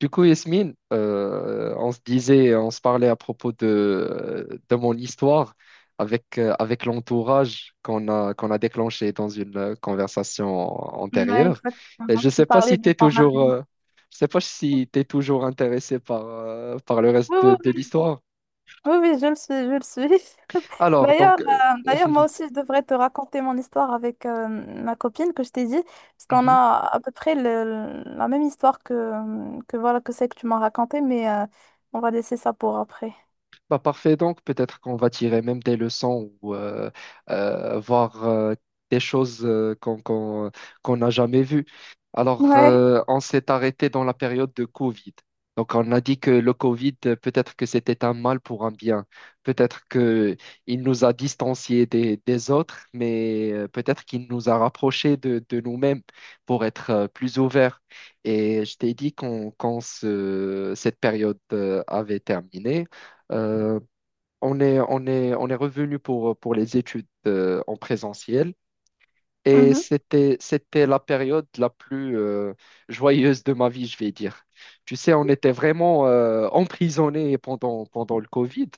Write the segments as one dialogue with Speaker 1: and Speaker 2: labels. Speaker 1: Du coup, Yasmine, on se disait, on se parlait à propos de mon histoire avec, avec l'entourage qu'on a déclenché dans une conversation
Speaker 2: Ouais,
Speaker 1: antérieure. Et
Speaker 2: exactement.
Speaker 1: je ne
Speaker 2: Tu me
Speaker 1: sais pas
Speaker 2: parlais
Speaker 1: si tu
Speaker 2: de
Speaker 1: es
Speaker 2: ton
Speaker 1: toujours,
Speaker 2: ami.
Speaker 1: je sais pas si tu toujours intéressé par, par le reste
Speaker 2: Oui, oui,
Speaker 1: de
Speaker 2: oui,
Speaker 1: l'histoire.
Speaker 2: oui, oui, je le suis, je le suis.
Speaker 1: Alors,
Speaker 2: D'ailleurs,
Speaker 1: donc, euh,
Speaker 2: d'ailleurs, moi aussi, je devrais te raconter mon histoire avec ma copine que je t'ai dit, parce qu'on a à peu près la même histoire que voilà que c'est que tu m'as raconté, mais on va laisser ça pour après.
Speaker 1: Bah parfait, donc peut-être qu'on va tirer même des leçons ou voir des choses qu'on n'a jamais vues.
Speaker 2: Ouais.
Speaker 1: On s'est arrêté dans la période de Covid. Donc, on a dit que le Covid, peut-être que c'était un mal pour un bien. Peut-être que il nous a distanciés des autres, mais peut-être qu'il nous a rapprochés de nous-mêmes pour être plus ouverts. Et je t'ai dit quand cette période avait terminé. Euh, on est revenu pour les études en présentiel et
Speaker 2: Mhm.
Speaker 1: c'était la période la plus joyeuse de ma vie, je vais dire. Tu sais, on était vraiment emprisonnés pendant, pendant le Covid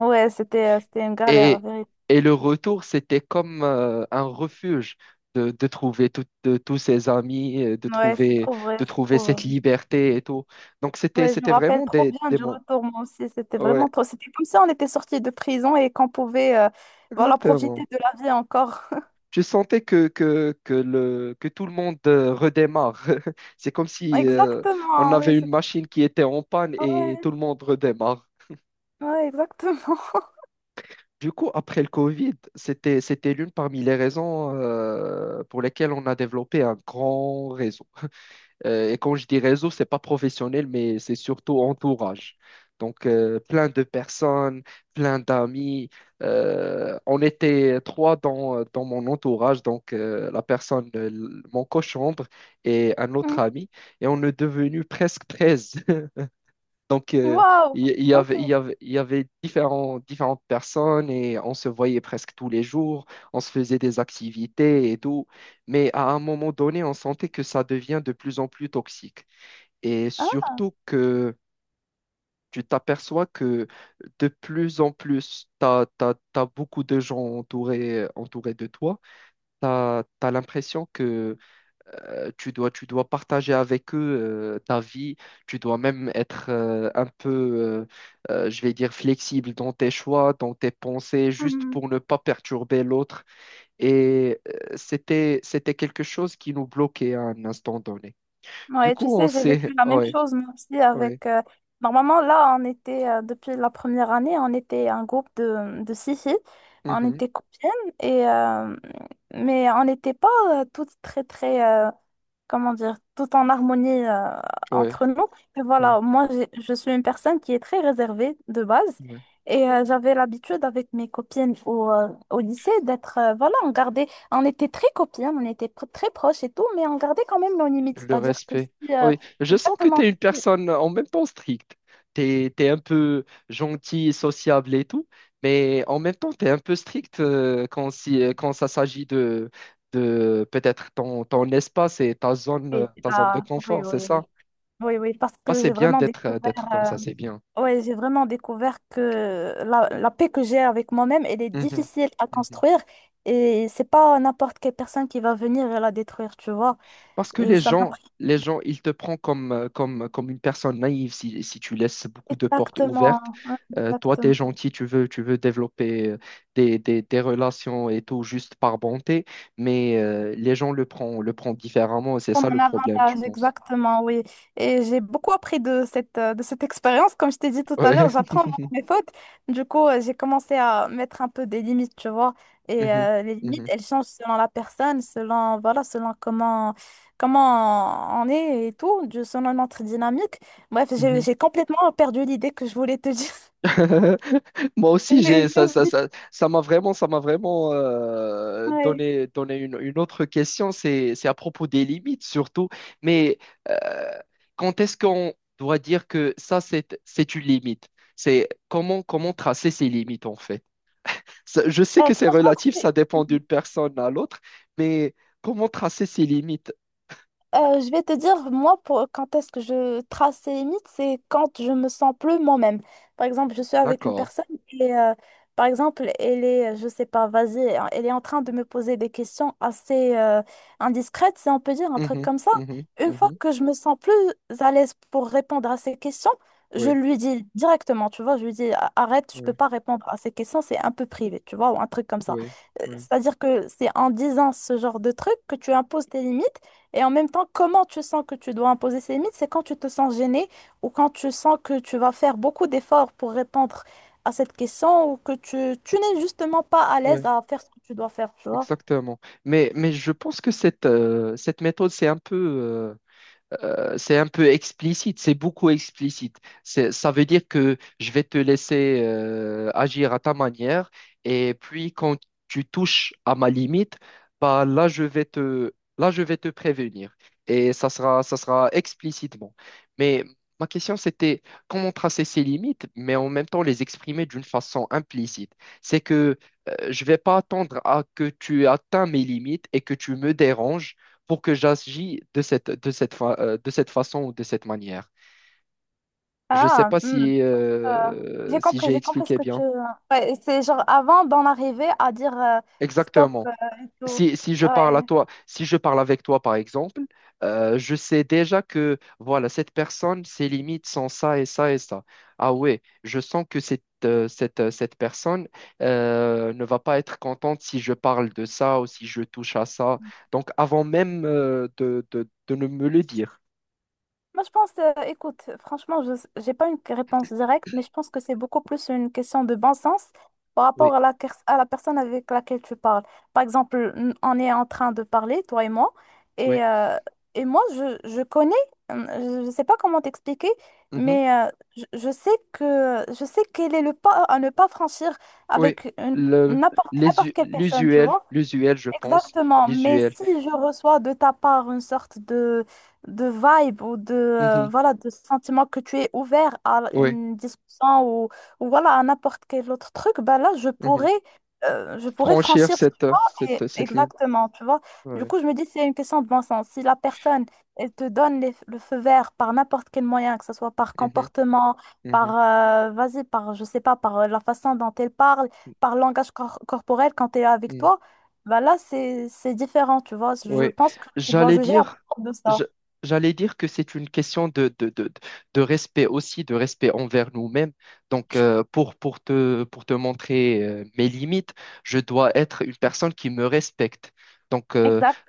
Speaker 2: Ouais, c'était, c'était une galère, la
Speaker 1: et,
Speaker 2: vérité.
Speaker 1: et le retour, c'était comme un refuge. De trouver tout- de- tous ses amis,
Speaker 2: Ouais, c'est trop vrai,
Speaker 1: de
Speaker 2: c'est
Speaker 1: trouver
Speaker 2: trop
Speaker 1: cette
Speaker 2: vrai.
Speaker 1: liberté et tout. Donc,
Speaker 2: Ouais, je me
Speaker 1: c'était
Speaker 2: rappelle
Speaker 1: vraiment
Speaker 2: trop bien
Speaker 1: des
Speaker 2: du
Speaker 1: mots.
Speaker 2: retour, moi aussi. C'était
Speaker 1: Ouais,
Speaker 2: vraiment trop. C'était comme ça, on était sortis de prison et qu'on pouvait voilà, profiter
Speaker 1: exactement.
Speaker 2: de la vie encore.
Speaker 1: Je sentais que tout le monde redémarre. C'est comme si on
Speaker 2: Exactement, oui,
Speaker 1: avait une
Speaker 2: c'est
Speaker 1: machine qui était en panne et
Speaker 2: ouais,
Speaker 1: tout le monde redémarre.
Speaker 2: ouais, exactement.
Speaker 1: Du coup, après le Covid, c'était l'une parmi les raisons pour lesquelles on a développé un grand réseau. Et quand je dis réseau, c'est pas professionnel, mais c'est surtout entourage. Donc, plein de personnes, plein d'amis. On était trois dans, dans mon entourage, donc la personne, mon cochambre et un autre
Speaker 2: Mm.
Speaker 1: ami, et on est devenu presque 13. Donc, euh,
Speaker 2: Waouh, ok.
Speaker 1: il y avait différentes personnes et on se voyait presque tous les jours, on se faisait des activités et tout, mais à un moment donné, on sentait que ça devient de plus en plus toxique. Et
Speaker 2: Hein?
Speaker 1: surtout que tu t'aperçois que de plus en plus, beaucoup de gens entourés de toi. Tu as, l'impression que tu dois partager avec eux ta vie. Tu dois même être je vais dire, flexible dans tes choix, dans tes pensées, juste
Speaker 2: Mm.
Speaker 1: pour ne pas perturber l'autre. Et c'était quelque chose qui nous bloquait à un instant donné. Du
Speaker 2: Ouais, tu
Speaker 1: coup, on
Speaker 2: sais, j'ai vécu
Speaker 1: s'est...
Speaker 2: la même
Speaker 1: Ouais,
Speaker 2: chose, mais aussi
Speaker 1: ouais.
Speaker 2: avec. Normalement, là, on était, depuis la première année, on était un groupe de six filles. On
Speaker 1: Mhm,
Speaker 2: était copines, et mais on n'était pas toutes très, très, comment dire, tout en harmonie
Speaker 1: ouais.
Speaker 2: entre nous. Et
Speaker 1: Ouais.
Speaker 2: voilà, moi, je suis une personne qui est très réservée de base.
Speaker 1: Ouais.
Speaker 2: Et j'avais l'habitude avec mes copines au, au lycée d'être, voilà, on gardait, on était très copines, on était très proches et tout, mais on gardait quand même nos limites.
Speaker 1: Le
Speaker 2: C'est-à-dire que
Speaker 1: respect.
Speaker 2: si,
Speaker 1: Oui, je sens que tu
Speaker 2: exactement
Speaker 1: es une
Speaker 2: si,
Speaker 1: personne en même temps stricte. Tu es un peu gentil, sociable et tout, mais en même temps, tu es un peu strict quand, si, quand ça s'agit de peut-être ton espace et
Speaker 2: oui,
Speaker 1: ta zone de
Speaker 2: ah, oui,
Speaker 1: confort, c'est
Speaker 2: oui, oui,
Speaker 1: ça?
Speaker 2: oui, oui, parce
Speaker 1: Ah,
Speaker 2: que
Speaker 1: c'est
Speaker 2: j'ai
Speaker 1: bien
Speaker 2: vraiment découvert.
Speaker 1: d'être comme
Speaker 2: euh,
Speaker 1: ça, c'est bien.
Speaker 2: Ouais, j'ai vraiment découvert que la paix que j'ai avec moi-même, elle est difficile à
Speaker 1: Mhm.
Speaker 2: construire et c'est pas n'importe quelle personne qui va venir et la détruire, tu vois.
Speaker 1: Parce que
Speaker 2: Ça m'a pris
Speaker 1: les gens, ils te prennent comme une personne naïve si, si tu laisses beaucoup de portes
Speaker 2: exactement,
Speaker 1: ouvertes. Toi, tu es
Speaker 2: exactement.
Speaker 1: gentil, tu veux développer des relations et tout juste par bonté, mais les gens le prennent différemment et c'est ça
Speaker 2: Comme
Speaker 1: le
Speaker 2: un
Speaker 1: problème, je
Speaker 2: avantage,
Speaker 1: pense.
Speaker 2: exactement, oui. Et j'ai beaucoup appris de cette expérience. Comme je t'ai dit tout à l'heure,
Speaker 1: Ouais.
Speaker 2: j'apprends mes fautes. Du coup, j'ai commencé à mettre un peu des limites, tu vois. Et
Speaker 1: Mhm.
Speaker 2: les limites,
Speaker 1: Mhm.
Speaker 2: elles changent selon la personne, selon, voilà, selon comment, comment on est et tout, selon notre dynamique. Bref, j'ai,
Speaker 1: Mhm.
Speaker 2: j'ai complètement perdu l'idée que je voulais te dire.
Speaker 1: Moi aussi,
Speaker 2: J'ai
Speaker 1: j'ai
Speaker 2: j'ai oublié.
Speaker 1: ça m'a vraiment
Speaker 2: Ouais.
Speaker 1: donné, donné une autre question. C'est à propos des limites surtout. Mais euh, quand est-ce qu'on doit dire que ça, c'est une limite? Comment tracer ces limites en fait? Je sais
Speaker 2: Euh,
Speaker 1: que c'est relatif,
Speaker 2: franchement,
Speaker 1: ça dépend d'une personne à l'autre, mais comment tracer ces limites?
Speaker 2: Je vais te dire, moi, pour, quand est-ce que je trace ces limites, c'est quand je me sens plus moi-même. Par exemple, je suis avec une
Speaker 1: D'accord.
Speaker 2: personne et, par exemple, elle est, je sais pas, vas-y, elle est en train de me poser des questions assez indiscrètes, si on peut dire un truc
Speaker 1: Mhm,
Speaker 2: comme ça. Une fois
Speaker 1: mhm.
Speaker 2: que je me sens plus à l'aise pour répondre à ces questions, je
Speaker 1: Oui,
Speaker 2: lui dis directement, tu vois, je lui dis, arrête, je peux
Speaker 1: oui,
Speaker 2: pas répondre à ces questions, c'est un peu privé, tu vois, ou un truc comme ça.
Speaker 1: oui, oui,
Speaker 2: C'est-à-dire que c'est en disant ce genre de truc que tu imposes tes limites et en même temps, comment tu sens que tu dois imposer ces limites, c'est quand tu te sens gêné ou quand tu sens que tu vas faire beaucoup d'efforts pour répondre à cette question ou que tu n'es justement pas à l'aise
Speaker 1: oui.
Speaker 2: à faire ce que tu dois faire, tu vois.
Speaker 1: Exactement. Mais je pense que cette méthode, c'est un peu explicite, c'est beaucoup explicite. Ça veut dire que je vais te laisser agir à ta manière et puis quand tu touches à ma limite, bah là je vais te prévenir et ça sera explicitement. Mais ma question c'était comment tracer ces limites, mais en même temps les exprimer d'une façon implicite. C'est que je vais pas attendre à que tu atteins mes limites et que tu me déranges pour que j'agisse de cette façon ou de cette manière. Je ne sais
Speaker 2: Ah,
Speaker 1: pas
Speaker 2: hmm,
Speaker 1: si,
Speaker 2: je- euh,
Speaker 1: si j'ai
Speaker 2: j'ai compris ce
Speaker 1: expliqué
Speaker 2: que tu...
Speaker 1: bien.
Speaker 2: Ouais, c'est genre avant d'en arriver à dire stop
Speaker 1: Exactement.
Speaker 2: et tout.
Speaker 1: Si, si je parle
Speaker 2: Ouais.
Speaker 1: à toi, si je parle avec toi, par exemple, je sais déjà que, voilà, cette personne, ses limites sont ça et ça et ça. Ah ouais, je sens que cette personne ne va pas être contente si je parle de ça ou si je touche à ça. Donc, avant même de ne me le dire.
Speaker 2: Moi, je pense, écoute, franchement, je n'ai pas une réponse directe, mais je pense que c'est beaucoup plus une question de bon sens par
Speaker 1: Oui,
Speaker 2: rapport à la, à la personne avec laquelle tu parles. Par exemple, on est en train de parler, toi
Speaker 1: oui.
Speaker 2: et, euh, et moi, je connais, je ne sais pas comment t'expliquer, mais je sais que, je sais quel est le pas à ne pas franchir
Speaker 1: Oui,
Speaker 2: avec
Speaker 1: le,
Speaker 2: n'importe quelle personne, tu
Speaker 1: l'usuel,
Speaker 2: vois.
Speaker 1: l'usuel, je pense,
Speaker 2: Exactement, mais
Speaker 1: l'usuel.
Speaker 2: si je reçois de ta part une sorte de vibe ou de,
Speaker 1: Mhm.
Speaker 2: voilà, de sentiment que tu es ouvert à
Speaker 1: Oui,
Speaker 2: une discussion ou voilà, à n'importe quel autre truc, ben là,
Speaker 1: mhm.
Speaker 2: je pourrais
Speaker 1: Franchir
Speaker 2: franchir
Speaker 1: cette ligne.
Speaker 2: exactement, tu vois. Du
Speaker 1: Ouais.
Speaker 2: coup, je me dis, c'est une question de bon sens. Si la personne, elle te donne le feu vert par n'importe quel moyen, que ce soit par
Speaker 1: Mhm,
Speaker 2: comportement, par,
Speaker 1: mhm.
Speaker 2: vas-y, par, je sais pas, par la façon dont elle parle, par langage corporel quand elle est avec
Speaker 1: Mhm.
Speaker 2: toi, bah là, c'est différent, tu vois. Je
Speaker 1: Oui,
Speaker 2: pense que tu dois
Speaker 1: j'allais
Speaker 2: juger à
Speaker 1: dire,
Speaker 2: propos de
Speaker 1: je-
Speaker 2: ça.
Speaker 1: j'allais dire que c'est une question de respect aussi, de respect envers nous-mêmes. Donc, pour te montrer mes limites, je dois être une personne qui me respecte. Donc,
Speaker 2: Exact.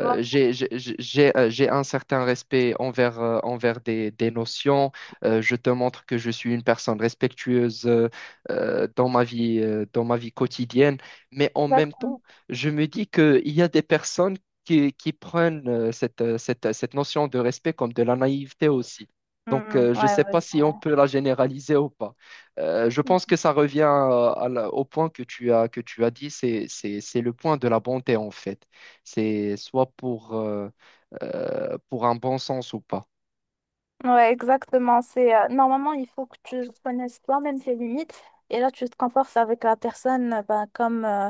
Speaker 2: Ouais,
Speaker 1: j'ai un certain respect envers, envers des notions. Je te montre que je suis une personne respectueuse dans ma vie quotidienne. Mais en même temps,
Speaker 2: exactement.
Speaker 1: je me dis qu'il y a des personnes qui prennent cette notion de respect comme de la naïveté aussi. Donc,
Speaker 2: Mm,
Speaker 1: je ne
Speaker 2: ouais,
Speaker 1: sais
Speaker 2: ouais,
Speaker 1: pas
Speaker 2: c'est
Speaker 1: si on
Speaker 2: vrai.
Speaker 1: peut la généraliser ou pas. Je pense que ça revient au point que tu as dit, c'est le point de la bonté en fait. C'est soit pour un bon sens ou pas.
Speaker 2: Ouais, exactement. C'est normalement il faut que tu connaisses toi-même tes limites et là tu te comportes avec la personne ben, comme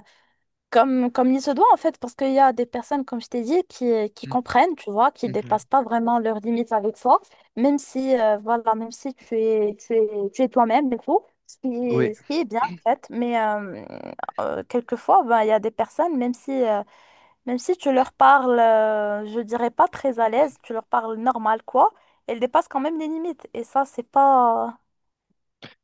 Speaker 2: comme comme il se doit en fait parce qu'il y a des personnes comme je t'ai dit qui
Speaker 1: Mhm,
Speaker 2: comprennent tu vois qui
Speaker 1: mhm.
Speaker 2: dépassent pas vraiment leurs limites avec toi même si voilà même si tu es tu es tu es toi-même et tout
Speaker 1: Oui,
Speaker 2: ce qui est bien en fait mais quelquefois ben il y a des personnes même si tu leur parles, je dirais pas très à l'aise, tu leur parles normal, quoi, elles dépassent quand même les limites. Et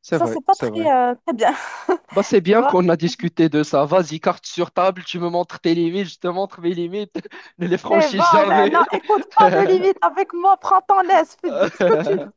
Speaker 1: c'est
Speaker 2: ça,
Speaker 1: vrai,
Speaker 2: c'est pas
Speaker 1: c'est
Speaker 2: très,
Speaker 1: vrai.
Speaker 2: très bien.
Speaker 1: Bah, c'est
Speaker 2: Tu
Speaker 1: bien
Speaker 2: vois?
Speaker 1: qu'on a discuté de ça. Vas-y, carte sur table, tu me montres tes limites, je te montre mes limites. Ne les
Speaker 2: Eh
Speaker 1: franchis
Speaker 2: ben, ça- non,
Speaker 1: jamais.
Speaker 2: écoute pas de limite avec moi, prends ton aise, fais- dis ce que tu veux.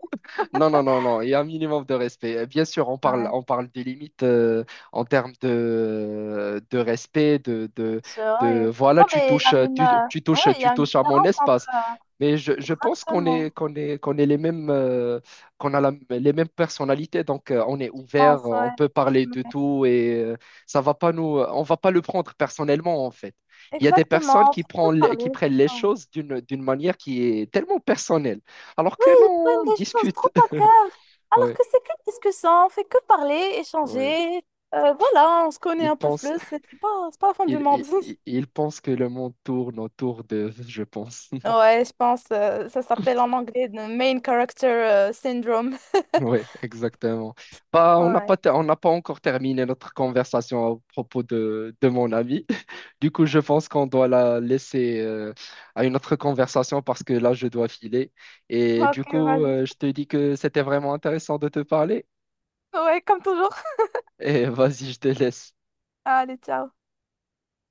Speaker 1: Non, non, non, non, il y a un minimum de respect. Bien sûr,
Speaker 2: Ouais,
Speaker 1: on parle des limites en termes de respect,
Speaker 2: c'est vrai.
Speaker 1: voilà,
Speaker 2: Non, mais il y a une, ouais, il y
Speaker 1: tu
Speaker 2: a une
Speaker 1: touches à mon
Speaker 2: différence entre.
Speaker 1: espace.
Speaker 2: euh,
Speaker 1: Mais je pense
Speaker 2: Exactement.
Speaker 1: qu'on est les mêmes, les mêmes personnalités, donc on est
Speaker 2: Je pense,
Speaker 1: ouvert, on
Speaker 2: ouais.
Speaker 1: peut parler de
Speaker 2: Ouais.
Speaker 1: tout et ça va pas nous, on va pas le prendre personnellement en fait. Il y a des personnes
Speaker 2: Exactement. Faut parler.
Speaker 1: qui prennent les
Speaker 2: Ouais.
Speaker 1: choses d'une, d'une manière qui est tellement personnelle. Alors que
Speaker 2: Ils
Speaker 1: non, on
Speaker 2: prennent les choses
Speaker 1: discute.
Speaker 2: trop à cœur, alors
Speaker 1: Ouais,
Speaker 2: que c'est que discussion, on fait que parler,
Speaker 1: ouais.
Speaker 2: échanger. Voilà, on se connaît
Speaker 1: Il
Speaker 2: un peu
Speaker 1: pense,
Speaker 2: plus, c'est pas, c'est pas la fin du monde.
Speaker 1: il pense que le monde tourne autour de, je pense.
Speaker 2: Ouais, je pense, ça s'appelle en anglais le main character syndrome.
Speaker 1: Ouais, exactement. Bah, on n'a
Speaker 2: Ouais.
Speaker 1: pas, ter- on n'a pas encore terminé notre conversation à propos de mon ami. Du coup, je pense qu'on doit la laisser à une autre conversation parce que là, je dois filer. Et
Speaker 2: Ok,
Speaker 1: du coup,
Speaker 2: vas-y.
Speaker 1: je te dis que c'était vraiment intéressant de te parler.
Speaker 2: Ouais, comme toujours.
Speaker 1: Et vas-y, je te laisse.
Speaker 2: Allez, ciao.